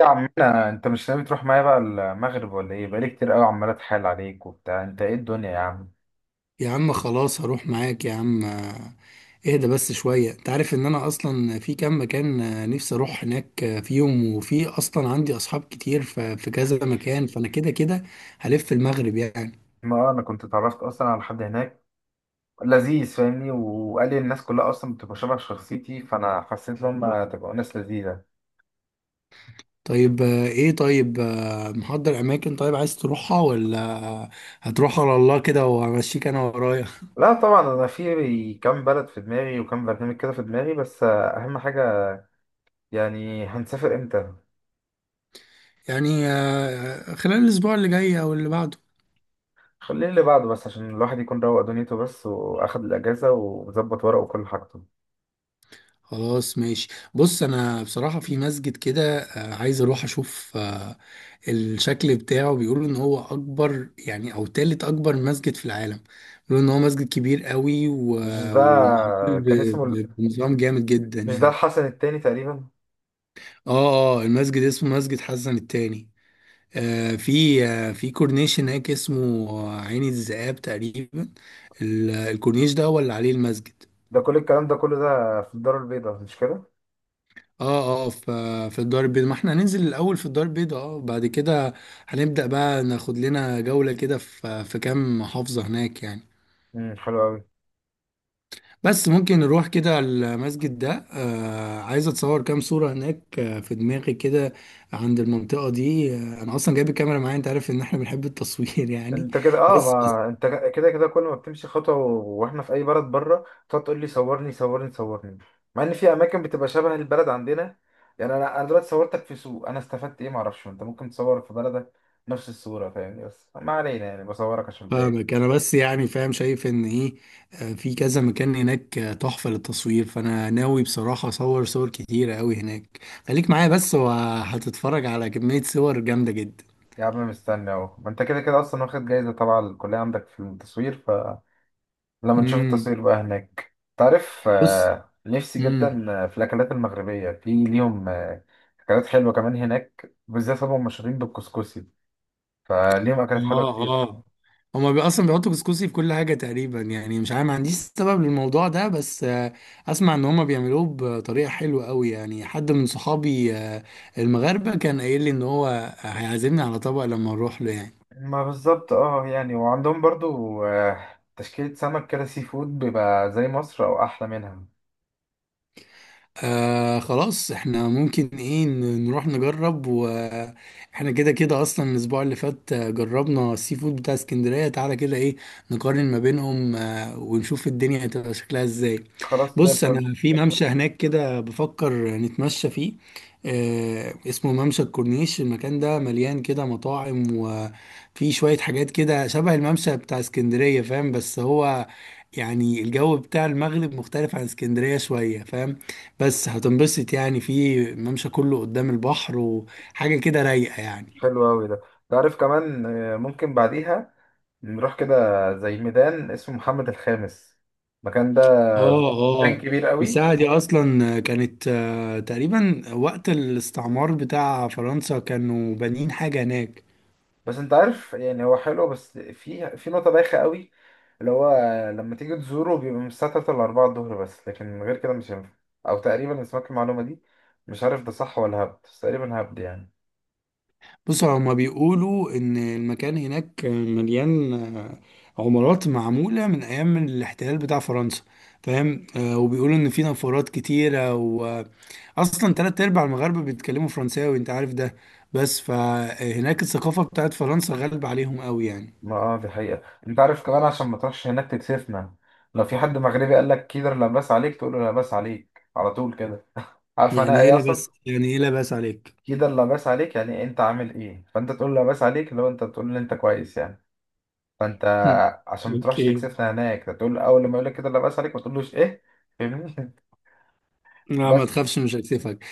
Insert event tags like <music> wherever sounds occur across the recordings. يا عمنا، انت مش ناوي تروح معايا بقى المغرب ولا ايه؟ بقالي كتير قوي عمال اتحايل عليك وبتاع. انت ايه الدنيا يا عم؟ يا عم، خلاص هروح معاك يا عم. اهدى بس شوية. انت عارف ان انا اصلا في كام مكان، نفسي اروح هناك فيهم، وفي اصلا عندي اصحاب كتير في كذا مكان، فانا كده كده هلف المغرب يعني. ما اه، انا كنت اتعرفت اصلا على حد هناك لذيذ، فاهمني، وقال لي الناس كلها اصلا بتبقى شبه شخصيتي، فانا حسيت ان هم تبقى ناس لذيذه. طيب ايه؟ طيب محضر اماكن طيب عايز تروحها، ولا هتروح على الله كده وامشيك انا ورايا؟ لا طبعا، انا في كام بلد في دماغي، وكام برنامج كده في دماغي، بس اهم حاجه يعني هنسافر امتى. يعني خلال الاسبوع اللي جاي او اللي بعده. خليه اللي بعده بس، عشان الواحد يكون روق دنيته بس، واخد الاجازه وظبط ورقه وكل حاجته. خلاص ماشي. بص، انا بصراحة في مسجد كده عايز اروح اشوف الشكل بتاعه. بيقولوا ان هو اكبر يعني، او تالت اكبر مسجد في العالم. بيقولوا ان هو مسجد كبير قوي مش ده؟ ومعمول كان اسمه ال- بنظام جامد جدا مش ده يعني. الحسن التاني تقريبا؟ اه اه، المسجد اسمه مسجد حسن الثاني. آه، في آه في كورنيش هناك اسمه عين الذئاب تقريبا. الكورنيش ده هو اللي عليه المسجد. ده كل الكلام ده كله ده في الدار البيضاء، مش كده؟ اه اه، في الدار البيضاء. ما احنا هننزل الاول في الدار البيضاء، اه بعد كده هنبدأ بقى ناخد لنا جولة كده في كام محافظة هناك يعني. امم، حلو قوي. بس ممكن نروح كده المسجد ده. آه، عايز اتصور كام صورة هناك، آه في دماغي كده عند المنطقة دي. آه، انا اصلا جايب الكاميرا معايا، انت عارف ان احنا بنحب التصوير <laughs> يعني. انت كده، اه، بس ما انت كده كده كل ما بتمشي خطوه واحنا في اي بلد بره تقعد تقول لي صورني، صورني، صورني، مع ان في اماكن بتبقى شبه البلد عندنا يعني. انا دلوقتي صورتك في سوق، انا استفدت ايه؟ ما اعرفش، انت ممكن تصور في بلدك نفس الصوره، فاهمني، بس ما علينا يعني، بصورك عشان بلاقي. فاهمك انا، بس يعني فاهم شايف ان ايه. في كذا مكان هناك تحفة للتصوير، فانا ناوي بصراحة اصور صور كتيرة قوي هناك. خليك معايا بس وهتتفرج على كمية صور جامدة جدا. يا عم مستني اهو، ما انت كده كده اصلا واخد جايزه طبعا الكليه عندك في التصوير. لما نشوف امم. التصوير بقى هناك تعرف، بص. نفسي امم. جدا في الأكلات المغربية، في ليهم أكلات حلوة كمان هناك، بالذات هم مشهورين بالكسكسي، فليهم أكلات حلوة اه كتير. اه، هما بي اصلا بيحطوا كسكسي في كل حاجة تقريبا يعني. مش عارف ما عنديش سبب للموضوع ده، بس اسمع ان هما بيعملوه بطريقة حلوة قوي يعني. حد من صحابي المغاربة كان قايل لي ان هو هيعزمني على طبق لما نروح له يعني. ما بالظبط، اه يعني، وعندهم برضو تشكيلة سمك كده، سي فود بيبقى زي مصر أو أحلى منها. آه خلاص، احنا ممكن ايه نروح نجرب. واحنا كده كده اصلا الاسبوع اللي فات جربنا السي فود بتاع اسكندرية، تعالى كده ايه نقارن ما بينهم آه ونشوف الدنيا هتبقى شكلها ازاي. خلاص، ده بص، الفل. انا في ممشى هناك كده بفكر نتمشى فيه. آه اسمه ممشى الكورنيش. المكان ده مليان كده مطاعم وفي شوية حاجات كده شبه الممشى بتاع اسكندرية فاهم، بس هو يعني الجو بتاع المغرب مختلف عن اسكندرية شوية فاهم. بس هتنبسط يعني، في ممشى كله قدام البحر وحاجة كده رايقة يعني. حلو أوي ده. تعرف كمان، ممكن بعديها نروح كده زي ميدان اسمه محمد الخامس. المكان ده اه كان اه، كبير أوي. الساعة دي أصلا كانت تقريبا وقت الاستعمار بتاع فرنسا كانوا بانيين حاجة هناك. بس انت عارف يعني، هو حلو بس في في نقطة بايخة قوي، اللي هو لما تيجي تزوره بيبقى من الساعة 3 ل 4 الظهر بس، لكن غير كده مش هينفع. او تقريبا، انا سمعت المعلومة دي، مش عارف ده صح ولا هبد، بس تقريبا هبد يعني. بصوا، هما بيقولوا إن المكان هناك مليان عمارات معمولة من أيام الاحتلال بتاع فرنسا، فاهم؟ وبيقولوا إن في نفورات كتيرة، وأصلا تلات أرباع المغاربة بيتكلموا فرنساوي أنت عارف ده. بس فهناك الثقافة بتاعت فرنسا غالبة عليهم قوي يعني. ما اه دي حقيقة. انت عارف كمان، عشان ما تروحش هناك تكسفنا، لو في حد مغربي قال لك كده لا باس عليك، تقول له لا باس عليك على طول كده. عارف انا يعني إيه ايه اصلا؟ لبس؟ يعني إيه لبس عليك؟ كده لا باس عليك يعني انت عامل ايه، فانت تقول لا باس عليك لو انت بتقول ان انت كويس يعني. فانت <laughs> عشان ما تروحش اوكي. تكسفنا هناك، تقول اول لما يقول لك كده لا باس عليك، ما تقولوش ايه. فاهمني. <laughs> لا ما بس. تخافش مش هكسفك.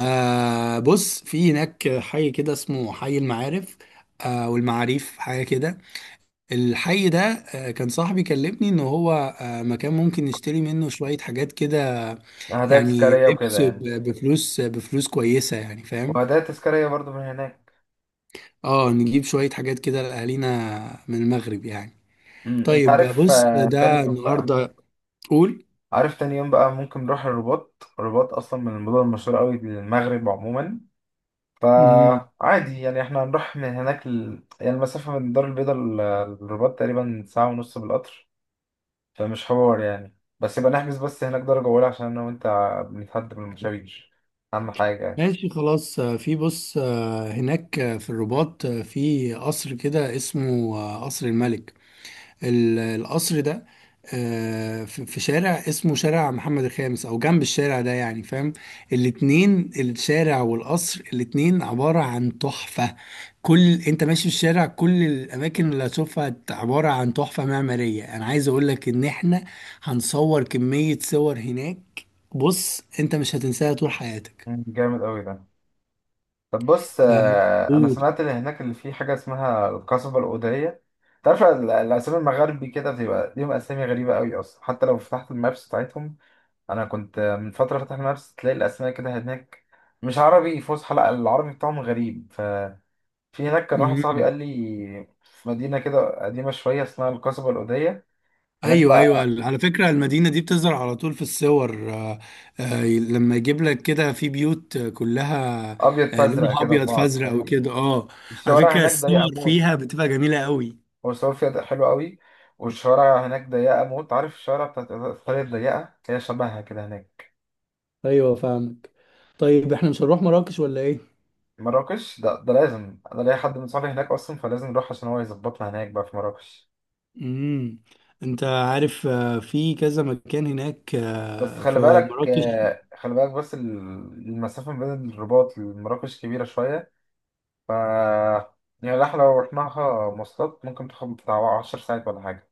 آه بص، في هناك حي كده اسمه حي المعارف. آه والمعاريف حاجه كده. الحي ده كان صاحبي كلمني ان هو مكان ممكن نشتري منه شوية حاجات كده. هدايا يعني تذكاريه وكده لبس يعني. بفلوس، بفلوس كويسة يعني فاهم. وهدايا تذكاريه برضو من هناك. اه نجيب شوية حاجات كده لأهالينا من المغرب يعني. امم، انت طيب عارف، بص تاني ده يوم بقى. النهاردة. قول. عارف، تاني يوم بقى ممكن نروح الرباط. الرباط اصلا من المدن المشهوره قوي للمغرب عموما، مم، فعادي يعني. احنا هنروح من هناك ل... يعني المسافه من الدار البيضاء للرباط تقريبا ساعه ونص بالقطر، فمش حوار يعني. بس يبقى نحجز بس هناك درجه اولى، عشان انا وانت بنتحدى بالمشاوير، اهم حاجه يعني. ماشي خلاص. في بص هناك في الرباط في قصر كده اسمه قصر الملك. القصر ده في في شارع اسمه شارع محمد الخامس، او جنب الشارع ده يعني فاهم. الاتنين، الشارع والقصر، الاتنين عبارة عن تحفة. كل انت ماشي في الشارع كل الاماكن اللي هتشوفها عبارة عن تحفة معمارية. انا عايز اقولك ان احنا هنصور كمية صور هناك، بص انت مش هتنساها طول حياتك. مم، جامد قوي ده. طب بص، آه، انا سمعت اللي هناك اللي فيه حاجه اسمها القصبه الاوديه. تعرف الاسامي المغاربي كده بتبقى ليهم اسامي غريبه قوي اصلا، حتى لو فتحت المابس بتاعتهم. انا كنت من فتره فتح المابس، تلاقي الاسماء كده هناك مش عربي فصحى، لا، العربي بتاعهم غريب. ففي هناك كان واحد صاحبي قول. قال لي في مدينه كده قديمه شويه اسمها القصبه الاوديه. هناك ايوه ايوه، بقى على فكره المدينه دي بتظهر على طول في الصور، لما يجيب لك كده في بيوت كلها ابيض فازرق لونها كده في ابيض بعض، فازرق فاهمني. وكده اه. على والشوارع فكره هناك ضيقه الصور موت. فيها بتبقى جميله قوي. وصوفيا ده حلو قوي. والشوارع هناك ضيقة موت، عارف الشوارع بتاعت إيطاليا الضيقة، هي شبهها كده هناك. ايوه فاهمك. طيب احنا مش هنروح مراكش ولا ايه؟ مراكش ده لازم، أنا ليا حد من صحابي هناك أصلا، فلازم نروح عشان هو يظبطنا هناك بقى في مراكش. امم، انت عارف في كذا مكان هناك بس خلي في بالك، مراكش. خلي بالك بس المسافة ما بين الرباط لمراكش كبيرة شوية. ف يعني احنا لو رحناها مواصلات ممكن تاخد بتاع 10 ساعات ولا حاجة.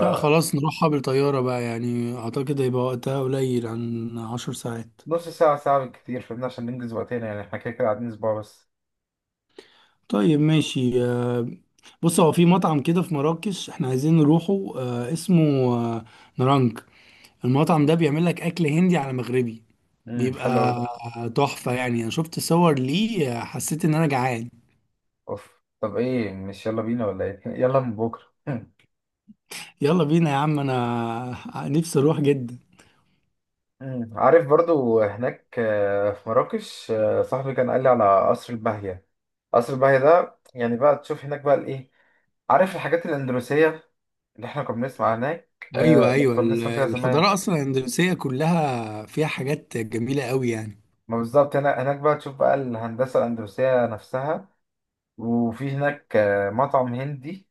لا خلاص نروحها بالطياره بقى، يعني اعتقد هيبقى وقتها قليل عن 10 ساعات. ساعة، ساعة بالكتير، فاهمني، عشان ننجز وقتنا يعني، احنا كده كده قاعدين أسبوع بس. طيب ماشي. بص هو في مطعم كده في مراكش احنا عايزين نروحه اسمه آه، نرانج. المطعم ده بيعمل لك اكل هندي على مغربي. امم، حلو أوي ده. بيبقى تحفة يعني، انا شفت صور ليه حسيت ان انا جعان. اوف، طب ايه، مش يلا بينا ولا ايه؟ <laughs> يلا من بكره. <laughs> يلا بينا يا عم، انا نفسي اروح جدا. مم. عارف برضو هناك، في مراكش، صاحبي كان قال لي على قصر الباهية. قصر الباهية ده يعني بقى تشوف هناك بقى الايه، عارف الحاجات الأندلسية اللي احنا كنا بنسمع هناك ايوه آه لما ايوه، كنا بنسمع فيها زمان. الحضارة اصلا الاندلسية كلها فيها حاجات جميلة قوي يعني. ما بالظبط، هنا هناك بقى تشوف بقى الهندسة الأندلسية نفسها. وفي هناك آه مطعم هندي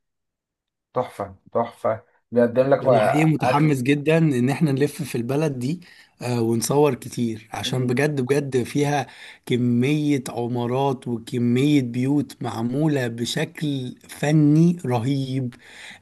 تحفة تحفة، بيقدم لك ده انا حقيقي بقى أكل. متحمس جدا ان احنا نلف في البلد دي، ونصور كتير عشان بجد بجد فيها كمية عمارات وكمية بيوت معمولة بشكل فني رهيب،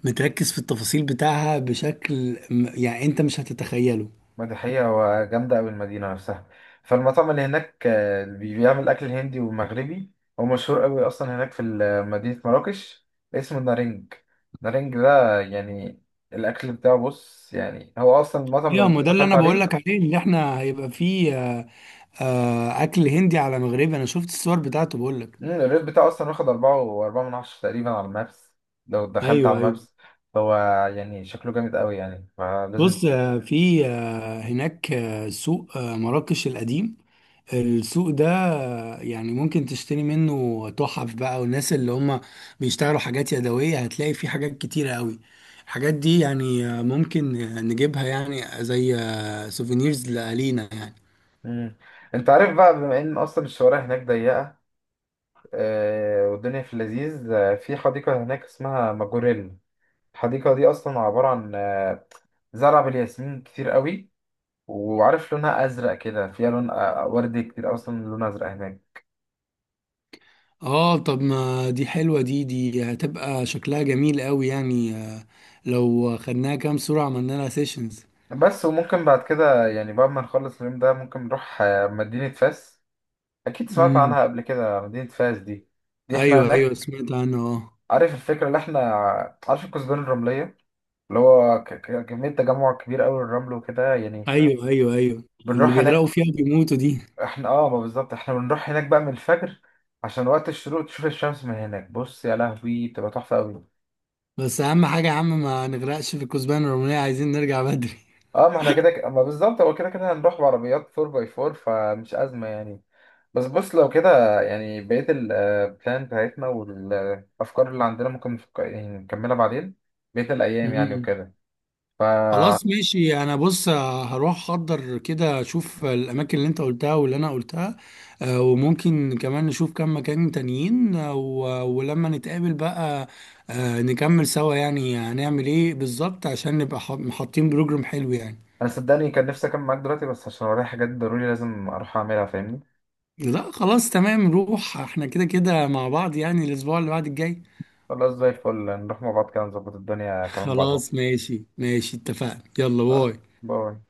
متركز في التفاصيل بتاعها بشكل يعني انت مش هتتخيله. ما دي حقيقة، وجامدة أوي المدينة نفسها. فالمطعم اللي هناك، اللي بيعمل أكل هندي ومغربي، هو مشهور أوي أصلا هناك في مدينة مراكش، اسمه نارنج. نارنج ده يعني الأكل بتاعه، بص يعني، هو أصلا المطعم لو ايوه ما أنت ده اللي دخلت انا بقول عليه، لك عليه، اللي احنا هيبقى فيه. اكل هندي على مغربي، انا شفت الصور بتاعته بقول لك. مم، الريت بتاعه أصلا واخد أربعة وأربعة من عشرة تقريبا على المابس. لو دخلت على ايوه ايوه. المابس، هو يعني شكله جامد أوي يعني، فلازم. بص في هناك سوق مراكش القديم. السوق ده يعني ممكن تشتري منه تحف بقى. والناس اللي هم بيشتغلوا حاجات يدوية هتلاقي فيه حاجات كتيرة قوي. الحاجات دي يعني ممكن نجيبها يعني، زي سوفينيرز لألينا يعني. مم. أنت عارف بقى، بما إن أصلا الشوارع هناك ضيقة، والدنيا في اللذيذ، في حديقة هناك اسمها ماجوريل. الحديقة دي أصلا عبارة عن زرع بالياسمين كتير قوي، وعارف لونها أزرق كده، فيها لون وردي كتير، أصلا لون أزرق هناك. اه طب ما دي حلوة، دي هتبقى شكلها جميل قوي يعني، لو خدناها كام صورة عملنا لها سيشنز. بس وممكن بعد كده يعني، بعد ما نخلص اليوم ده، ممكن نروح مدينة فاس. أكيد سمعت امم. عنها قبل كده مدينة فاس دي. احنا ايوه ايوه هناك سمعت عنه اه. عارف الفكرة اللي احنا، عارف الكثبان الرملية، اللي هو كمية تجمع كبير أوي للرمل وكده يعني، ايوه ايوه ايوه، اللي بنروح هناك. بيغرقوا فيها بيموتوا دي. احنا اه، ما بالظبط، احنا بنروح هناك بقى من الفجر عشان وقت الشروق تشوف الشمس من هناك، بص يا لهوي بتبقى تحفة قوي. بس اهم حاجه يا عم ما نغرقش في الكثبان الرومانيه، عايزين نرجع بدري. اه ما احنا كده ما بالظبط هو كده كده هنروح بعربيات 4x4، فمش أزمة يعني. بس بص، لو كده يعني بقية البلان بتاعتنا والأفكار اللي عندنا ممكن يعني نكملها بعدين، بقية <laughs> الأيام يعني امم. وكده. فأنا، خلاص ماشي. انا بص هروح احضر كده، اشوف الاماكن اللي انت قلتها واللي انا قلتها، وممكن كمان نشوف كم مكان تانيين، ولما نتقابل بقى نكمل سوا يعني هنعمل ايه بالظبط عشان نبقى حاطين بروجرام حلو يعني. صدقني كان نفسي أكمل معاك دلوقتي، بس عشان ورايا حاجات ضروري لازم أروح أعملها، فاهمني. لا خلاص تمام، نروح احنا كده كده مع بعض يعني الاسبوع اللي بعد الجاي. خلاص، زي الفل، نروح مع بعض كده، نظبط الدنيا كمان بعد بكرة. خلاص ماشي ماشي اتفقنا، يلا ف- باي. باي.